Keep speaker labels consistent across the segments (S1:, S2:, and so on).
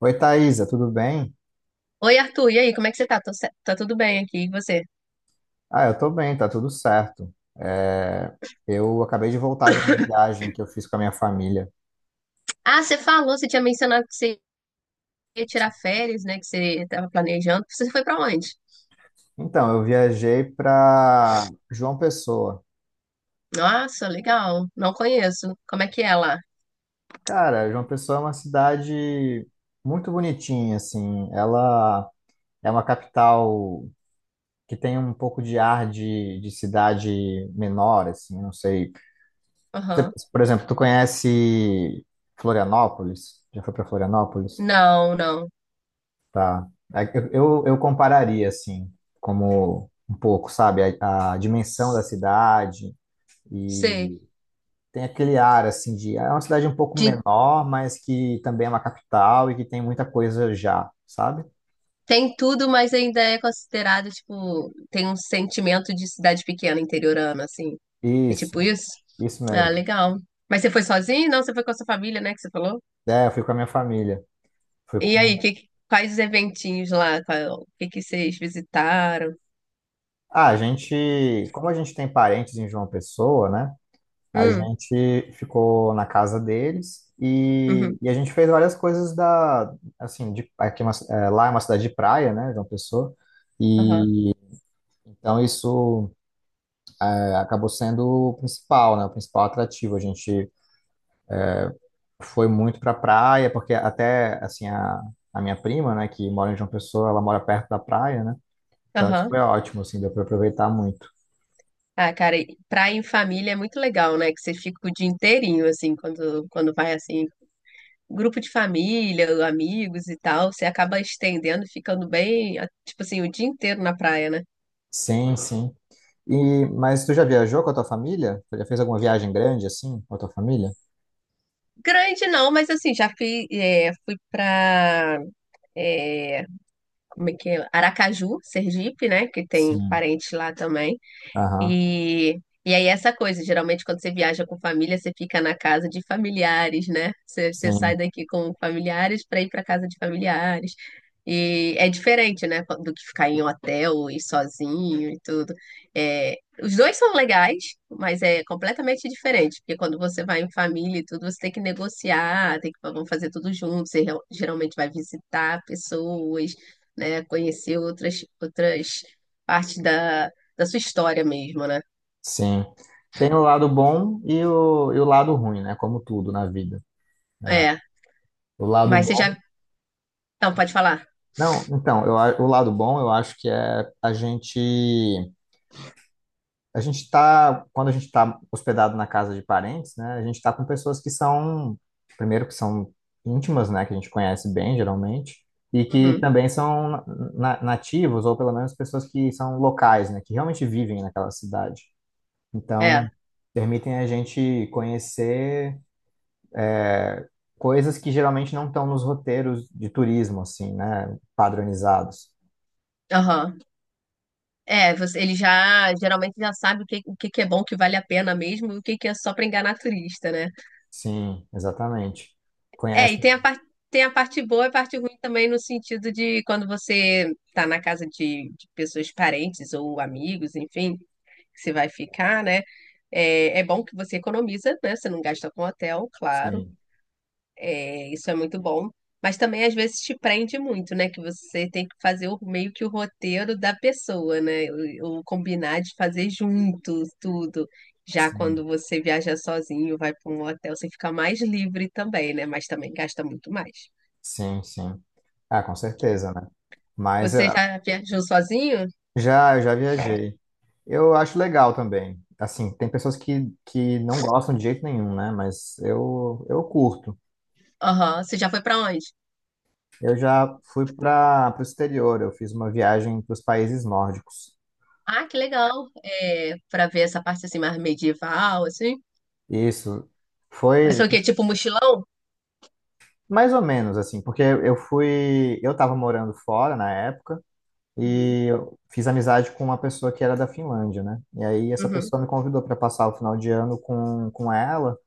S1: Oi, Thaisa, tudo bem?
S2: Oi, Arthur, e aí, como é que você tá? Tá tudo bem aqui, e você?
S1: Ah, eu tô bem, tá tudo certo. É, eu acabei de voltar de uma viagem que eu fiz com a minha família.
S2: Ah, você falou, você tinha mencionado que você ia tirar férias, né? Que você tava planejando. Você foi pra onde?
S1: Então, eu viajei para João Pessoa.
S2: Nossa, legal. Não conheço. Como é que é lá?
S1: Cara, João Pessoa é uma cidade muito bonitinha, assim. Ela é uma capital que tem um pouco de ar de cidade menor, assim, não sei.
S2: Aham.
S1: Por exemplo, tu conhece Florianópolis? Já foi para Florianópolis?
S2: Não, não.
S1: Tá. É que eu compararia, assim, como um pouco, sabe, a dimensão da cidade
S2: Sei.
S1: e tem aquele ar, assim, de... É uma cidade um pouco
S2: De-
S1: menor, mas que também é uma capital e que tem muita coisa já, sabe?
S2: Tem tudo, mas ainda é considerado, tipo, tem um sentimento de cidade pequena, interiorana, assim. É tipo
S1: Isso,
S2: isso?
S1: isso
S2: Ah,
S1: mesmo.
S2: legal. Mas você foi sozinho? Não, você foi com a sua família, né? Que você falou?
S1: É, eu fui com a minha família. Fui
S2: E aí,
S1: com...
S2: quais eventinhos lá? O que que vocês visitaram?
S1: Ah, a gente... Como a gente tem parentes em João Pessoa, né? A
S2: Hum,
S1: gente ficou na casa deles e,
S2: uhum,
S1: e a gente fez várias coisas da, assim, de, é, lá é uma cidade de praia, né, João Pessoa,
S2: aham,
S1: e então isso é, acabou sendo o principal, né, o principal atrativo. A gente foi muito para praia, porque até, assim, a minha prima, né, que mora em João Pessoa, ela mora perto da praia, né, então isso
S2: aham.
S1: foi ótimo, assim, deu para aproveitar muito.
S2: Ah, cara, e praia em família é muito legal, né? Que você fica o dia inteirinho, assim, quando vai, assim, grupo de família, amigos e tal, você acaba estendendo, ficando bem, ah, tipo assim, o dia inteiro na praia, né?
S1: Sim, sim. E, mas tu já viajou com a tua família? Tu já fez alguma viagem grande, assim, com a tua família?
S2: Grande não, mas assim, já fui, é, fui pra, é, como é que é? Aracaju, Sergipe, né? Que tem
S1: Sim.
S2: parente lá também.
S1: Aham,
S2: E, e aí essa coisa, geralmente quando você viaja com família, você fica na casa de familiares, né? Você sai
S1: sim,
S2: daqui com familiares para ir para casa de familiares. E é diferente, né, do que ficar em hotel e sozinho e tudo. É, os dois são legais, mas é completamente diferente, porque quando você vai em família e tudo, você tem que negociar, tem que vamos fazer tudo junto, geralmente vai visitar pessoas, né, conhecer outras parte da da sua história mesmo, né?
S1: sim. Tem o lado bom e o lado ruim, né? Como tudo na vida.
S2: É,
S1: O lado
S2: mas você
S1: bom.
S2: já. Não, pode falar.
S1: Não, então, o lado bom eu acho que é a gente. Quando a gente está hospedado na casa de parentes, né? A gente está com pessoas que são. Primeiro, que são íntimas, né? Que a gente conhece bem, geralmente. E que
S2: Uhum.
S1: também são nativos, ou pelo menos pessoas que são locais, né? Que realmente vivem naquela cidade.
S2: É.
S1: Então permitem a gente conhecer coisas que geralmente não estão nos roteiros de turismo, assim, né? Padronizados.
S2: Aham. É, você, ele já geralmente já sabe o que que é bom, o que vale a pena mesmo, e o que que é só pra enganar turista, né?
S1: Sim, exatamente.
S2: É, e
S1: Conhece?
S2: tem a parte boa e a parte ruim também no sentido de quando você tá na casa de pessoas parentes ou amigos, enfim, que você vai ficar, né? É, é bom que você economiza, né? Você não gasta com hotel, claro.
S1: Sim,
S2: É, isso é muito bom. Mas também às vezes te prende muito, né? Que você tem que meio que o roteiro da pessoa, né? O combinar de fazer juntos tudo. Já quando
S1: sim,
S2: você viaja sozinho, vai para um hotel, você fica mais livre também, né? Mas também gasta muito mais.
S1: sim, sim. Ah, com certeza, né? Mas
S2: Você já viajou sozinho?
S1: já viajei. Eu acho legal também. Assim, tem pessoas que não gostam de jeito nenhum, né? Mas eu curto.
S2: Aham. Você já foi para onde?
S1: Eu já fui para o exterior, eu fiz uma viagem para os países nórdicos.
S2: Ah, que legal. É, para ver essa parte assim mais medieval, assim.
S1: Isso.
S2: Mas
S1: Foi,
S2: foi o quê? Tipo mochilão?
S1: mais ou menos, assim, porque eu fui. Eu tava morando fora na época
S2: Uhum.
S1: e eu fiz amizade com uma pessoa que era da Finlândia, né? E aí essa
S2: Uhum.
S1: pessoa me convidou para passar o final de ano com ela.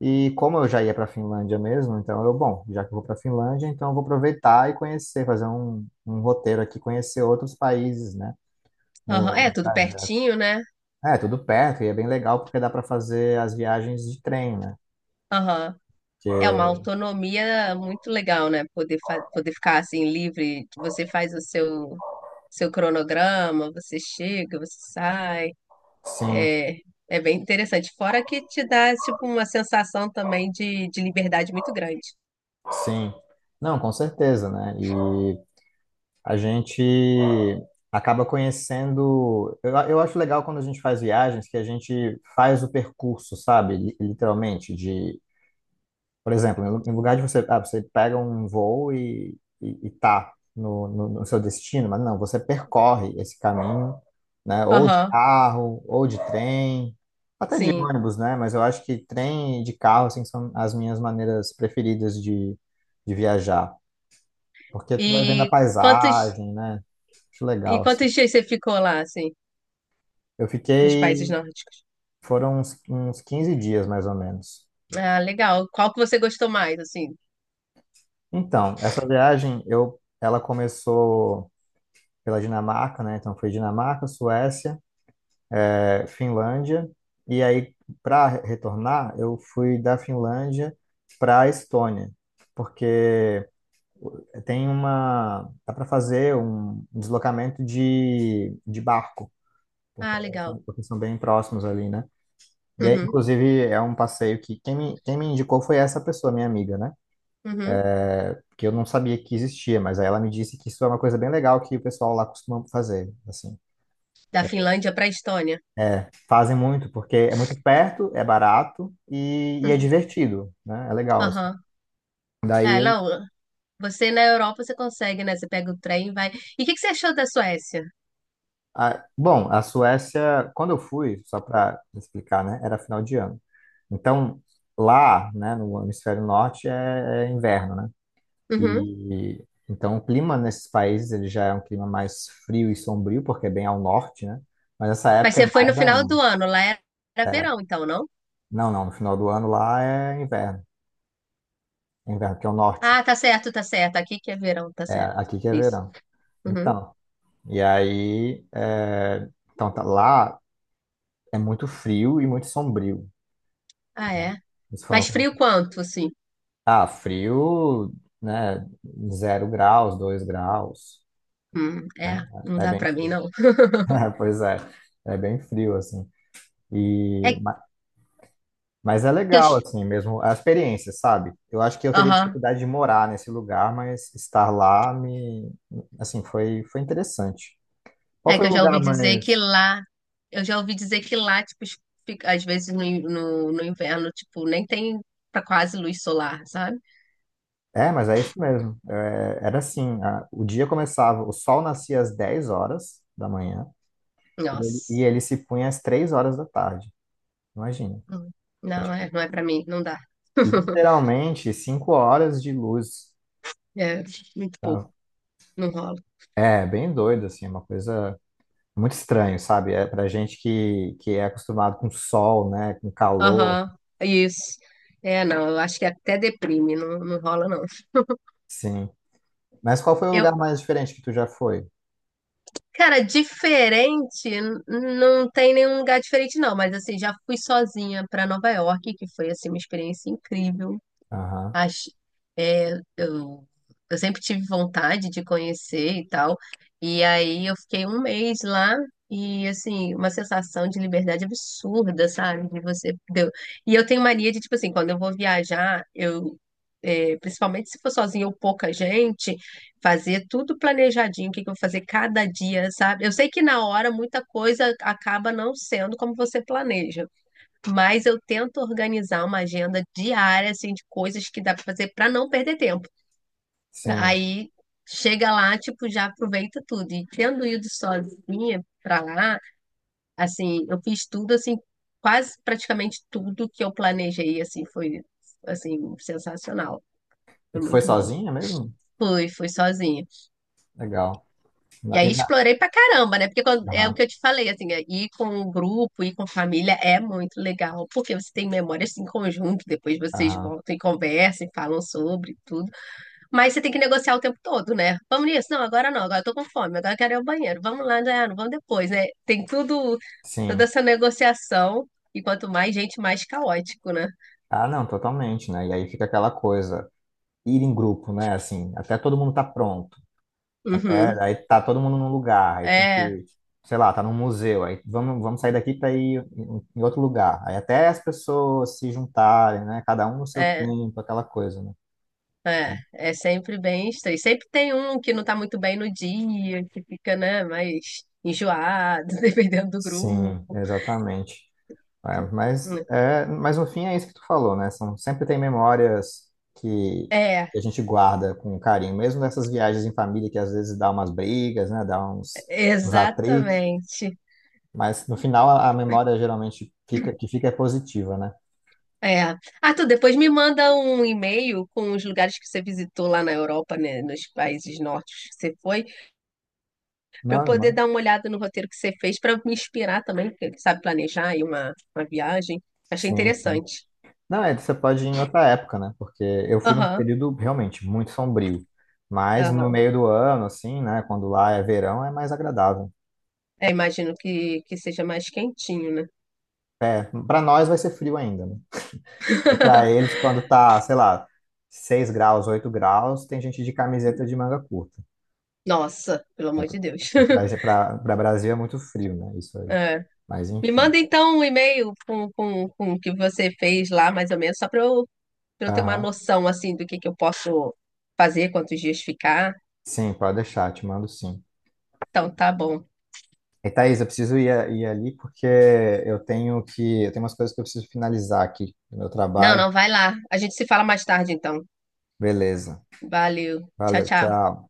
S1: E como eu já ia para Finlândia mesmo, então eu, bom, já que eu vou para Finlândia, então eu vou aproveitar e conhecer, fazer um, um roteiro aqui, conhecer outros países, né?
S2: Aham.
S1: No,
S2: É,
S1: no
S2: tudo
S1: trajeto.
S2: pertinho, né?
S1: É, tudo perto e é bem legal porque dá para fazer as viagens de trem, né?
S2: Aham. É uma
S1: Porque,
S2: autonomia muito legal, né? Poder ficar assim livre, que você faz o seu, seu cronograma, você chega, você sai.
S1: sim,
S2: É, é bem interessante. Fora que te dá tipo uma sensação também de liberdade muito grande.
S1: sim. Não, com certeza, né? E a gente acaba conhecendo. Eu acho legal quando a gente faz viagens que a gente faz o percurso, sabe? Literalmente, de, por exemplo, em lugar de você, ah, você pega um voo e, e tá no seu destino, mas não, você percorre esse caminho, né? Ou de
S2: Aham,
S1: carro, ou de trem, até de
S2: sim.
S1: ônibus, né? Mas eu acho que trem e de carro, assim, são as minhas maneiras preferidas de viajar. Porque tu
S2: E
S1: vai vendo a
S2: quantos,
S1: paisagem, né? Acho
S2: e
S1: legal, assim.
S2: quantos dias você ficou lá, assim,
S1: Eu
S2: nos países
S1: fiquei,
S2: nórdicos?
S1: foram uns, uns 15 dias mais ou menos.
S2: Ah, legal. Qual que você gostou mais, assim?
S1: Então, essa viagem, eu, ela começou pela Dinamarca, né? Então foi Dinamarca, Suécia, Finlândia, e aí para retornar, eu fui da Finlândia para Estônia, porque tem uma, dá para fazer um deslocamento de barco, porque,
S2: Ah, legal.
S1: porque são bem próximos ali, né? E aí,
S2: Uhum,
S1: inclusive, é um passeio que quem me indicou foi essa pessoa, minha amiga, né?
S2: uhum.
S1: Que eu não sabia que existia, mas aí ela me disse que isso é uma coisa bem legal que o pessoal lá costuma fazer, assim.
S2: Da Finlândia para a Estônia.
S1: Fazem muito, porque é muito perto, é barato e é
S2: Uhum.
S1: divertido, né? É legal, assim.
S2: Aham.
S1: Daí
S2: É,
S1: eu...
S2: não. Você na Europa, você consegue, né? Você pega o trem e vai. E o que que você achou da Suécia?
S1: bom, a Suécia, quando eu fui, só para explicar, né? Era final de ano. Então, lá, né, no hemisfério norte, é inverno, né?
S2: Uhum.
S1: E então o clima nesses países ele já é um clima mais frio e sombrio, porque é bem ao norte, né? Mas essa
S2: Mas
S1: época é
S2: você foi no
S1: mais
S2: final
S1: ainda.
S2: do ano, lá era
S1: É,
S2: verão, então, não?
S1: não, não, no final do ano lá é inverno. É inverno, que é o norte.
S2: Ah, tá certo, tá certo. Aqui que é verão, tá
S1: É,
S2: certo.
S1: aqui que é
S2: Isso.
S1: verão.
S2: Uhum.
S1: Então, e aí, é, então tá, lá é muito frio e muito sombrio.
S2: Ah,
S1: Né?
S2: é.
S1: Isso foi uma...
S2: Mas frio
S1: coisa.
S2: quanto, assim?
S1: Ah, frio, né? 0 graus, 2 graus,
S2: É,
S1: né?
S2: não
S1: É
S2: dá
S1: bem
S2: pra mim,
S1: frio.
S2: não.
S1: Pois é, é bem frio, assim.
S2: É
S1: E
S2: que
S1: Mas é
S2: eu.
S1: legal, assim, mesmo a experiência, sabe? Eu acho que eu teria
S2: Aham.
S1: dificuldade de morar nesse lugar, mas estar lá me, assim, foi, interessante. Qual
S2: É
S1: foi
S2: que
S1: o
S2: eu já ouvi
S1: lugar
S2: dizer que
S1: mais...
S2: lá, eu já ouvi dizer que lá, tipo, às vezes no inverno, tipo, nem tem pra quase luz solar, sabe?
S1: É, mas é isso mesmo. É, era assim, o dia começava, o sol nascia às 10 horas da manhã e
S2: Nossa.
S1: ele se punha às 3 horas da tarde. Imagina.
S2: Hum.
S1: É,
S2: Não,
S1: tipo,
S2: é, não é pra mim, não dá.
S1: literalmente 5 horas de luz.
S2: É, muito pouco,
S1: Então,
S2: não rola.
S1: é, bem doido, assim, é uma coisa muito estranho, sabe? É pra gente que é acostumado com sol, né? Com calor,
S2: Aham, isso. É, não, eu acho que até deprime, não, não rola, não.
S1: sim. Mas qual foi o lugar
S2: Eu,
S1: mais diferente que tu já foi?
S2: cara, diferente, não tem nenhum lugar diferente, não, mas assim, já fui sozinha pra Nova York, que foi, assim, uma experiência incrível.
S1: Aham,
S2: Acho, é, eu, eu sempre tive vontade de conhecer e tal. E aí eu fiquei um mês lá e assim, uma sensação de liberdade absurda, sabe? De você deu. E eu tenho mania de, tipo assim, quando eu vou viajar, eu é, principalmente se for sozinha ou pouca gente, fazer tudo planejadinho, o que que eu vou fazer cada dia, sabe? Eu sei que na hora muita coisa acaba não sendo como você planeja. Mas eu tento organizar uma agenda diária, assim, de coisas que dá pra fazer pra não perder tempo.
S1: sim.
S2: Aí chega lá, tipo, já aproveita tudo. E tendo ido sozinha pra lá, assim, eu fiz tudo, assim, quase praticamente tudo que eu planejei, assim, foi, assim, sensacional.
S1: E
S2: Foi
S1: tu foi
S2: muito bom.
S1: sozinha mesmo?
S2: Fui sozinha.
S1: Legal.
S2: E
S1: Na- e
S2: aí
S1: na-
S2: explorei pra caramba, né? É o
S1: Aham,
S2: que eu te falei, assim, é, ir com um grupo, ir com família é muito legal, porque você tem memórias em conjunto, depois vocês
S1: aham,
S2: voltam e conversam e falam sobre tudo. Mas você tem que negociar o tempo todo, né? Vamos nisso? Não, agora não, agora eu tô com fome, agora eu quero ir ao banheiro. Vamos lá, né? Não, vamos depois, né? Tem tudo, toda
S1: sim.
S2: essa negociação, e quanto mais gente, mais caótico, né?
S1: Ah, não, totalmente, né? E aí fica aquela coisa, ir em grupo, né? Assim, até todo mundo tá pronto. Até
S2: Uhum.
S1: aí tá todo mundo num lugar, aí tem que,
S2: É,
S1: sei lá, tá num museu, aí vamos, vamos sair daqui para ir em outro lugar. Aí até as pessoas se juntarem, né? Cada um no seu
S2: é.
S1: tempo, aquela coisa, né?
S2: É, é sempre bem estranho. Sempre tem um que não tá muito bem no dia, que fica, né, mais enjoado, dependendo do grupo.
S1: Sim, exatamente. Mas no fim é isso que tu falou, né? Sempre tem memórias que,
S2: É,
S1: a gente guarda com carinho, mesmo nessas viagens em família que às vezes dá umas brigas, né? Dá uns atritos,
S2: exatamente.
S1: mas no final a memória geralmente fica, que fica é positiva, né?
S2: É. Ah, tu depois me manda um e-mail com os lugares que você visitou lá na Europa, né, nos países nórdicos que você foi, para eu poder
S1: Não,
S2: dar uma olhada no roteiro que você fez, para me inspirar também, porque sabe planejar aí uma viagem. Achei
S1: sim, sim.
S2: interessante.
S1: Não, é, você pode ir em outra época, né? Porque eu fui num
S2: Aham,
S1: período realmente muito sombrio. Mas no
S2: aham.
S1: meio do ano, assim, né? Quando lá é verão, é mais agradável.
S2: É, imagino que seja mais quentinho, né?
S1: Para nós vai ser frio ainda, né? E para eles, quando tá, sei lá, 6 graus, 8 graus, tem gente de camiseta de manga curta.
S2: Nossa, pelo amor de Deus.
S1: Então, para Brasil é muito frio, né? Isso aí.
S2: É.
S1: Mas
S2: Me
S1: enfim.
S2: manda então um e-mail com o que você fez lá, mais ou menos, só para eu ter uma
S1: Aham.
S2: noção assim do que eu posso fazer, quantos dias ficar.
S1: Sim, pode deixar, te mando sim.
S2: Então, tá bom.
S1: E Thaís, eu preciso ir, ir ali porque eu tenho que, eu tenho umas coisas que eu preciso finalizar aqui no meu
S2: Não,
S1: trabalho.
S2: não, vai lá. A gente se fala mais tarde, então.
S1: Beleza.
S2: Valeu. Tchau,
S1: Valeu,
S2: tchau.
S1: tchau.